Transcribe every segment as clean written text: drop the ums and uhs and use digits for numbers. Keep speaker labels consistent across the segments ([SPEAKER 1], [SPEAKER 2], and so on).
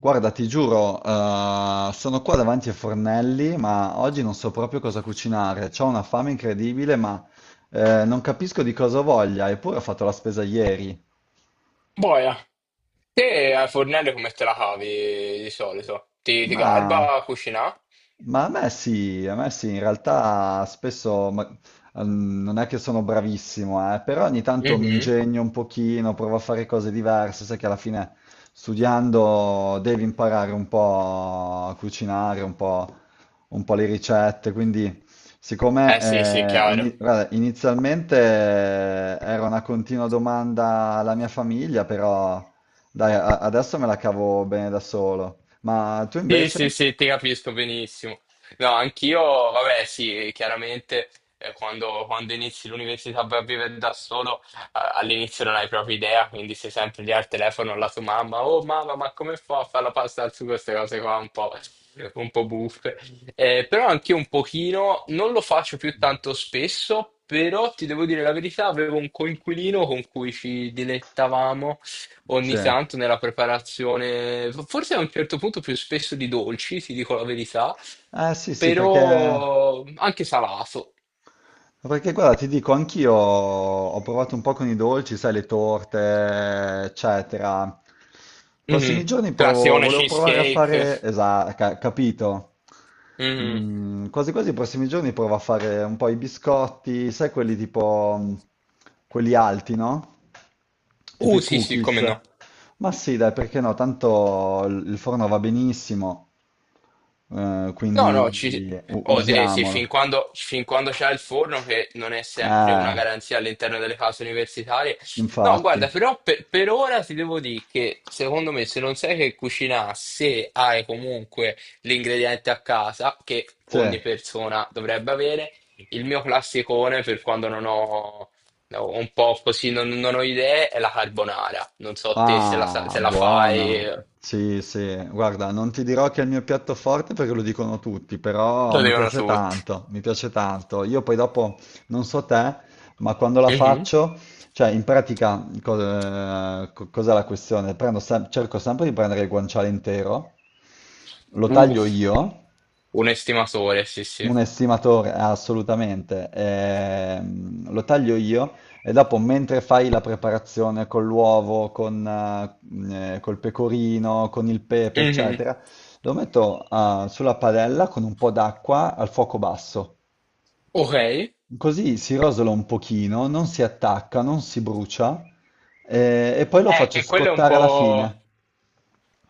[SPEAKER 1] Guarda, ti giuro, sono qua davanti ai fornelli, ma oggi non so proprio cosa cucinare. C'ho una fame incredibile, ma non capisco di cosa voglia, eppure ho fatto la spesa ieri.
[SPEAKER 2] Boia, te a fornello come te la cavi di solito? Ti garba
[SPEAKER 1] Ma,
[SPEAKER 2] a cucinare?
[SPEAKER 1] ma a me sì, in realtà spesso non è che sono bravissimo, però ogni tanto mi
[SPEAKER 2] Mhm.
[SPEAKER 1] ingegno un pochino, provo a fare cose diverse, sai che alla fine studiando devi imparare un po' a cucinare, un po' le ricette, quindi siccome
[SPEAKER 2] Eh sì, sì, chiaro.
[SPEAKER 1] guarda, inizialmente era una continua domanda alla mia famiglia, però dai, adesso me la cavo bene da solo. Ma tu
[SPEAKER 2] Sì,
[SPEAKER 1] invece?
[SPEAKER 2] sì, sì, ti capisco benissimo. No, anch'io, vabbè, sì, chiaramente quando inizi l'università vai a vivere da solo, all'inizio non hai proprio idea, quindi sei sempre lì al telefono alla tua mamma, oh mamma, ma come fa a fare la pasta al sugo, queste cose qua un po' buffe. Però anch'io un pochino, non lo faccio più tanto spesso, però ti devo dire la verità, avevo un coinquilino con cui ci dilettavamo ogni
[SPEAKER 1] Sì.
[SPEAKER 2] tanto nella preparazione, forse a un certo punto più spesso di dolci, ti dico la verità,
[SPEAKER 1] Ah, sì, sì, perché
[SPEAKER 2] però anche salato.
[SPEAKER 1] Perché guarda, ti dico, anch'io ho provato un po' con i dolci, sai, le torte, eccetera. I prossimi
[SPEAKER 2] Mhm.
[SPEAKER 1] giorni
[SPEAKER 2] Classione
[SPEAKER 1] volevo provare a
[SPEAKER 2] cheesecake.
[SPEAKER 1] fare, esatto, capito.
[SPEAKER 2] Mhm.
[SPEAKER 1] Mm, quasi quasi i prossimi giorni provo a fare un po' i biscotti, sai, quelli tipo, quelli alti, no? Tipo i
[SPEAKER 2] Sì, sì, come no.
[SPEAKER 1] cookies. Ma sì, dai, perché no? Tanto il forno va benissimo,
[SPEAKER 2] No, no, ci...
[SPEAKER 1] quindi
[SPEAKER 2] sì,
[SPEAKER 1] usiamolo.
[SPEAKER 2] fin quando c'è il forno, che non è sempre una
[SPEAKER 1] Eh.
[SPEAKER 2] garanzia all'interno delle case universitarie. No,
[SPEAKER 1] Infatti,
[SPEAKER 2] guarda, per ora ti devo dire che secondo me se non sai che cucinare, se hai comunque l'ingrediente a casa, che ogni
[SPEAKER 1] cioè,
[SPEAKER 2] persona dovrebbe avere, il mio classicone per quando non ho, ho un po' così, non ho idee, è la carbonara. Non so te se
[SPEAKER 1] ah,
[SPEAKER 2] se la fai,
[SPEAKER 1] buona, sì, sì, guarda, non ti dirò che è il mio piatto forte perché lo dicono tutti, però
[SPEAKER 2] lo
[SPEAKER 1] mi
[SPEAKER 2] devono
[SPEAKER 1] piace
[SPEAKER 2] tutti.
[SPEAKER 1] tanto, mi piace tanto. Io poi dopo, non so te, ma quando la
[SPEAKER 2] Mhm.
[SPEAKER 1] faccio, cioè, in pratica, cos'è la questione? Cerco sempre di prendere il guanciale intero, lo
[SPEAKER 2] Uh,
[SPEAKER 1] taglio io.
[SPEAKER 2] un estimatore, sì, sì.
[SPEAKER 1] Un estimatore, assolutamente. Lo taglio io e dopo, mentre fai la preparazione con l'uovo, con, col pecorino, con il pepe,
[SPEAKER 2] Mhm.
[SPEAKER 1] eccetera, lo metto, sulla padella con un po' d'acqua al fuoco basso.
[SPEAKER 2] Ok.
[SPEAKER 1] Così si rosola un pochino, non si attacca, non si brucia, e poi lo faccio
[SPEAKER 2] Che quello è un
[SPEAKER 1] scottare alla
[SPEAKER 2] po'.
[SPEAKER 1] fine.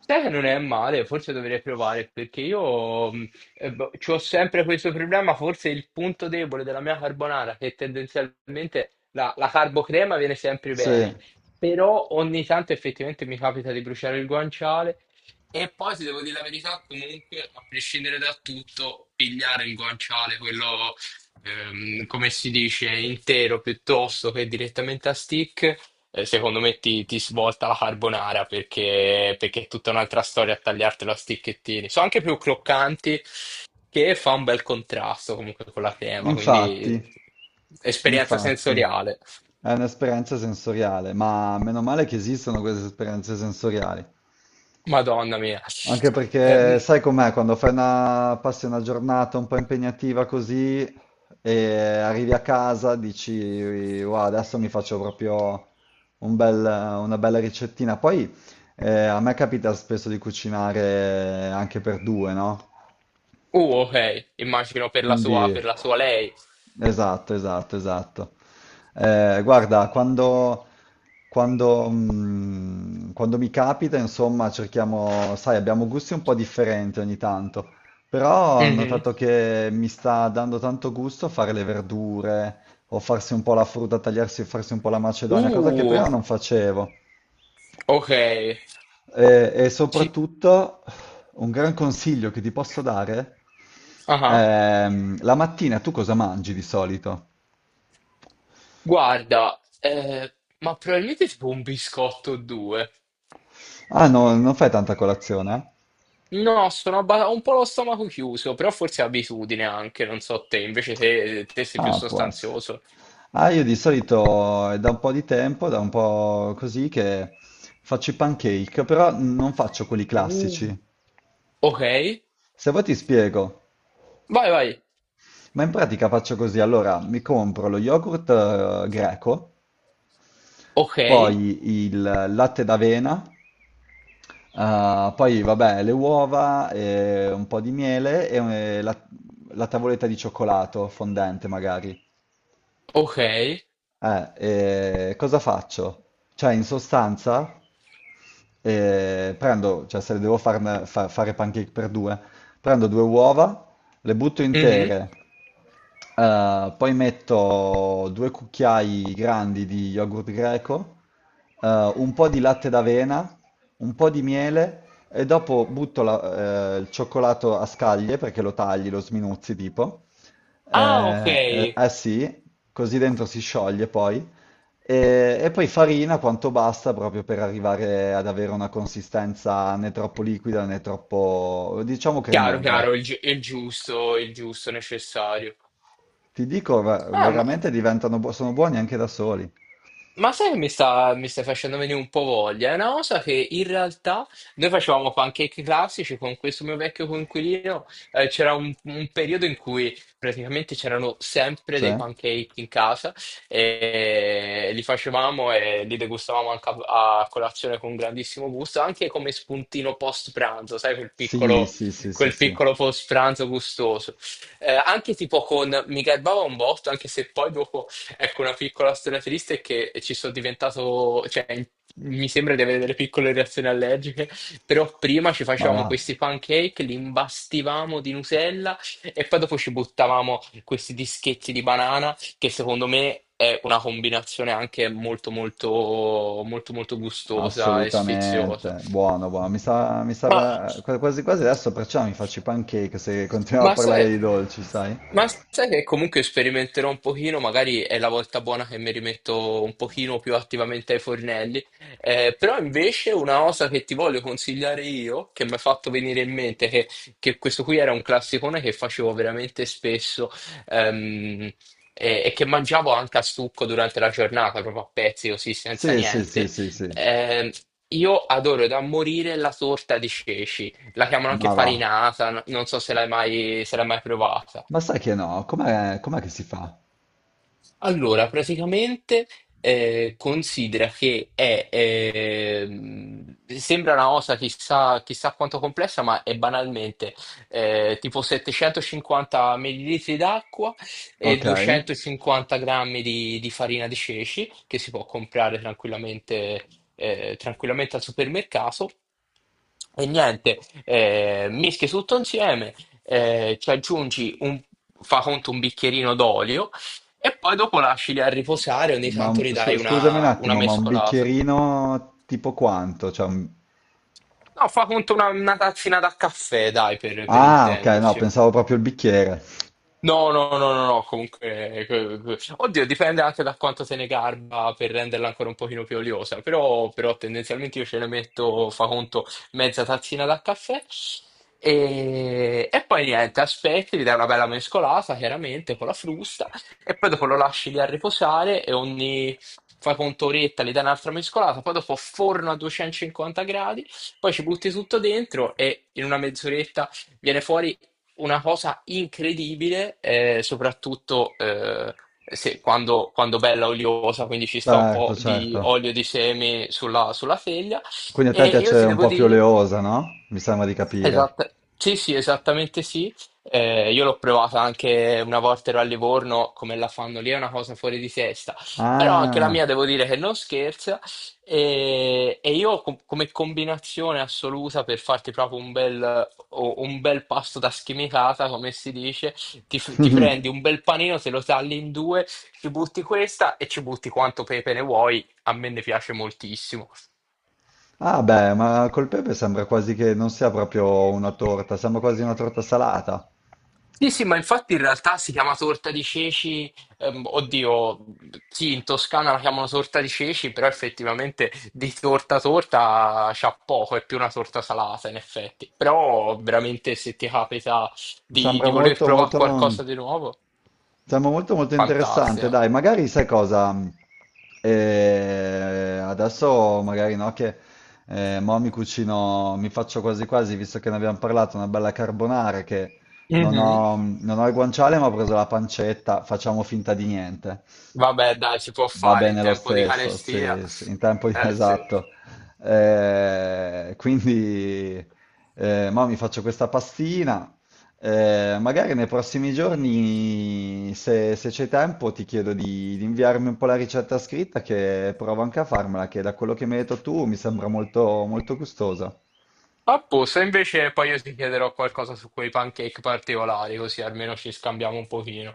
[SPEAKER 2] Sai che non è male, forse dovrei provare perché io ci ho sempre questo problema, forse il punto debole della mia carbonara, che tendenzialmente la carbocrema viene sempre
[SPEAKER 1] Sì.
[SPEAKER 2] bene, però ogni tanto effettivamente mi capita di bruciare il guanciale e poi ti devo dire la verità, comunque a prescindere da tutto, pigliare il guanciale, quello come si dice, intero piuttosto che direttamente a stick, secondo me ti svolta la carbonara perché è tutta un'altra storia a tagliartela a sticchettini. Sono anche più croccanti, che fa un bel contrasto comunque con la crema, quindi
[SPEAKER 1] Infatti,
[SPEAKER 2] esperienza
[SPEAKER 1] infatti,
[SPEAKER 2] sensoriale.
[SPEAKER 1] è un'esperienza sensoriale, ma meno male che esistono queste esperienze sensoriali.
[SPEAKER 2] Madonna mia.
[SPEAKER 1] Anche perché
[SPEAKER 2] Ehm,
[SPEAKER 1] sai com'è, quando passi una giornata un po' impegnativa così e arrivi a casa, dici, wow, adesso mi faccio proprio un bel- una bella ricettina. Poi a me capita spesso di cucinare anche per due, no?
[SPEAKER 2] ok, immagino per
[SPEAKER 1] Quindi,
[SPEAKER 2] per la sua lei.
[SPEAKER 1] esatto, esatto, esatto. Guarda, quando mi capita, insomma, cerchiamo, sai, abbiamo gusti un po' differenti ogni tanto, però ho
[SPEAKER 2] Mhm.
[SPEAKER 1] notato che mi sta dando tanto gusto fare le verdure o farsi un po' la frutta, tagliarsi, farsi un po' la macedonia, cosa che
[SPEAKER 2] Uh,
[SPEAKER 1] prima non facevo.
[SPEAKER 2] ok.
[SPEAKER 1] E
[SPEAKER 2] Ci-
[SPEAKER 1] soprattutto un gran consiglio che ti posso dare,
[SPEAKER 2] ah,
[SPEAKER 1] la mattina tu cosa mangi di solito?
[SPEAKER 2] guarda, ma probabilmente tipo un biscotto o due.
[SPEAKER 1] Ah, no, non fai tanta colazione? Eh?
[SPEAKER 2] No, ho un po' lo stomaco chiuso, però forse è abitudine anche, non so te, invece te sei più
[SPEAKER 1] Ah, può essere.
[SPEAKER 2] sostanzioso.
[SPEAKER 1] Ah, io di solito è da un po' di tempo, da un po' così, che faccio i pancake, però non faccio quelli
[SPEAKER 2] Uh.
[SPEAKER 1] classici.
[SPEAKER 2] Ok,
[SPEAKER 1] Se vuoi ti spiego,
[SPEAKER 2] vai, vai.
[SPEAKER 1] ma in pratica faccio così, allora mi compro lo yogurt greco,
[SPEAKER 2] Ok,
[SPEAKER 1] poi il latte d'avena, ah, poi vabbè, le uova, un po' di miele e la tavoletta di cioccolato fondente magari.
[SPEAKER 2] ok.
[SPEAKER 1] Eh, cosa faccio? Cioè, in sostanza, prendo, cioè se le devo fare pancake per due, prendo due uova, le butto
[SPEAKER 2] Mhm.
[SPEAKER 1] intere, poi metto due cucchiai grandi di yogurt greco, eh, un po' di latte d'avena, un po' di miele e dopo il cioccolato a scaglie perché lo tagli, lo sminuzzi tipo.
[SPEAKER 2] Ah, ok.
[SPEAKER 1] Eh sì, così dentro si scioglie poi. E poi farina quanto basta proprio per arrivare ad avere una consistenza né troppo liquida né troppo, diciamo,
[SPEAKER 2] Chiaro,
[SPEAKER 1] cremosa.
[SPEAKER 2] chiaro, il giusto necessario.
[SPEAKER 1] Ti dico,
[SPEAKER 2] Ah, ma
[SPEAKER 1] veramente diventano, sono buoni anche da soli.
[SPEAKER 2] Ma sai che mi stai facendo venire un po' voglia? È una cosa che in realtà noi facevamo pancake classici con questo mio vecchio coinquilino. Un periodo in cui praticamente c'erano sempre dei
[SPEAKER 1] Cioè,
[SPEAKER 2] pancake in casa e li facevamo e li degustavamo anche a colazione con grandissimo gusto, anche come spuntino post pranzo, sai,
[SPEAKER 1] sì, sì, sì, sì,
[SPEAKER 2] quel
[SPEAKER 1] sì,
[SPEAKER 2] piccolo post pranzo gustoso. Anche tipo con, mi garbava un botto, anche se poi dopo ecco, una piccola storia triste è che ci sono diventato, mi sembra di avere delle piccole reazioni allergiche, però prima ci
[SPEAKER 1] ma va,
[SPEAKER 2] facevamo questi pancake, li imbastivamo di Nutella e poi dopo ci buttavamo questi dischetti di banana, che secondo me è una combinazione anche molto molto molto molto gustosa e sfiziosa.
[SPEAKER 1] assolutamente, buono, buono. Mi
[SPEAKER 2] Ma,
[SPEAKER 1] sa, quasi quasi adesso perciò mi faccio i pancake se continuiamo a
[SPEAKER 2] ma
[SPEAKER 1] parlare
[SPEAKER 2] sai,
[SPEAKER 1] di dolci, sai?
[SPEAKER 2] ma sai che comunque sperimenterò un pochino, magari è la volta buona che mi rimetto un pochino più attivamente ai fornelli. Però invece una cosa che ti voglio consigliare io, che mi ha fatto venire che questo qui era un classicone che facevo veramente spesso, ehm, e che mangiavo anche a stucco durante la giornata, proprio a pezzi così, senza
[SPEAKER 1] Sì, sì, sì,
[SPEAKER 2] niente,
[SPEAKER 1] sì, sì,
[SPEAKER 2] eh, io adoro da morire la torta di ceci, la chiamano anche
[SPEAKER 1] ma va.
[SPEAKER 2] farinata, non so se l'hai mai provata.
[SPEAKER 1] Ma sai che no, com'è, com'è che si fa?
[SPEAKER 2] Allora, praticamente considera che è, sembra una cosa chissà quanto complessa, ma è banalmente tipo 750 millilitri d'acqua e
[SPEAKER 1] Ok,
[SPEAKER 2] 250 grammi di farina di ceci, che si può comprare tranquillamente, tranquillamente al supermercato. E niente, mischi tutto insieme, ci aggiungi fa conto un bicchierino d'olio e poi dopo lasci lì a riposare, ogni
[SPEAKER 1] ma
[SPEAKER 2] tanto gli dai
[SPEAKER 1] scusami un
[SPEAKER 2] una
[SPEAKER 1] attimo, ma un
[SPEAKER 2] mescolata.
[SPEAKER 1] bicchierino tipo quanto?
[SPEAKER 2] No, fa conto una tazzina da caffè, dai, per
[SPEAKER 1] Ah, ok, no,
[SPEAKER 2] intenderci.
[SPEAKER 1] pensavo proprio il bicchiere.
[SPEAKER 2] No, no, no, no, no, comunque, oddio, dipende anche da quanto se ne garba per renderla ancora un pochino più oliosa, però tendenzialmente io ce ne metto, fa conto, mezza tazzina da caffè e poi niente, aspetti, gli dai una bella mescolata, chiaramente, con la frusta e poi dopo lo lasci lì a riposare e ogni, fai conto, oretta, gli dai un'altra mescolata, poi dopo forno a 250 gradi, poi ci butti tutto dentro e in una mezz'oretta viene fuori una cosa incredibile, soprattutto quando bella oliosa, quindi ci sta un po'
[SPEAKER 1] Certo,
[SPEAKER 2] di
[SPEAKER 1] certo.
[SPEAKER 2] olio di semi sulla teglia.
[SPEAKER 1] Quindi a te
[SPEAKER 2] E
[SPEAKER 1] piace
[SPEAKER 2] io ti
[SPEAKER 1] un
[SPEAKER 2] devo
[SPEAKER 1] po' più
[SPEAKER 2] dire
[SPEAKER 1] oleosa, no? Mi sembra di capire.
[SPEAKER 2] esatta- sì, sì, esattamente sì. Io l'ho provata anche una volta ero a Livorno, come la fanno lì, è una cosa fuori di testa. Però anche la
[SPEAKER 1] Ah,
[SPEAKER 2] mia devo dire che non scherza. Io come combinazione assoluta per farti proprio un bel, un bel pasto da schimitata, come si dice, ti prendi un bel panino, te lo tagli in due, ci butti questa e ci butti quanto pepe ne vuoi. A me ne piace moltissimo.
[SPEAKER 1] ah beh, ma col pepe sembra quasi che non sia proprio una torta, sembra quasi una torta salata.
[SPEAKER 2] Sì, sì, ma infatti in realtà si chiama torta di ceci, oddio, sì, in Toscana la chiamano torta di ceci, però effettivamente di torta torta c'ha poco, è più una torta salata in effetti. Però veramente se ti capita
[SPEAKER 1] Sembra
[SPEAKER 2] di voler
[SPEAKER 1] molto,
[SPEAKER 2] provare
[SPEAKER 1] molto,
[SPEAKER 2] qualcosa di nuovo,
[SPEAKER 1] sembra molto, molto interessante.
[SPEAKER 2] fantastica.
[SPEAKER 1] Dai, magari sai cosa? Adesso magari no, che mo mi cucino, mi faccio quasi quasi, visto che ne abbiamo parlato, una bella carbonara che non
[SPEAKER 2] Mhm.
[SPEAKER 1] ho, non ho il guanciale, ma ho preso la pancetta, facciamo finta di niente.
[SPEAKER 2] Vabbè, dai, si può
[SPEAKER 1] Va
[SPEAKER 2] fare in
[SPEAKER 1] bene lo
[SPEAKER 2] tempo di
[SPEAKER 1] stesso,
[SPEAKER 2] carestia.
[SPEAKER 1] sì, sì, in tempo di-
[SPEAKER 2] Eh sì.
[SPEAKER 1] esatto. Quindi, mo mi faccio questa pastina. Magari nei prossimi giorni, se, se c'è tempo, ti chiedo di inviarmi un po' la ricetta scritta, che provo anche a farmela, che da quello che mi hai detto tu mi sembra molto, molto gustosa.
[SPEAKER 2] A posto, invece poi io ti chiederò qualcosa su quei pancake particolari, così almeno ci scambiamo un pochino.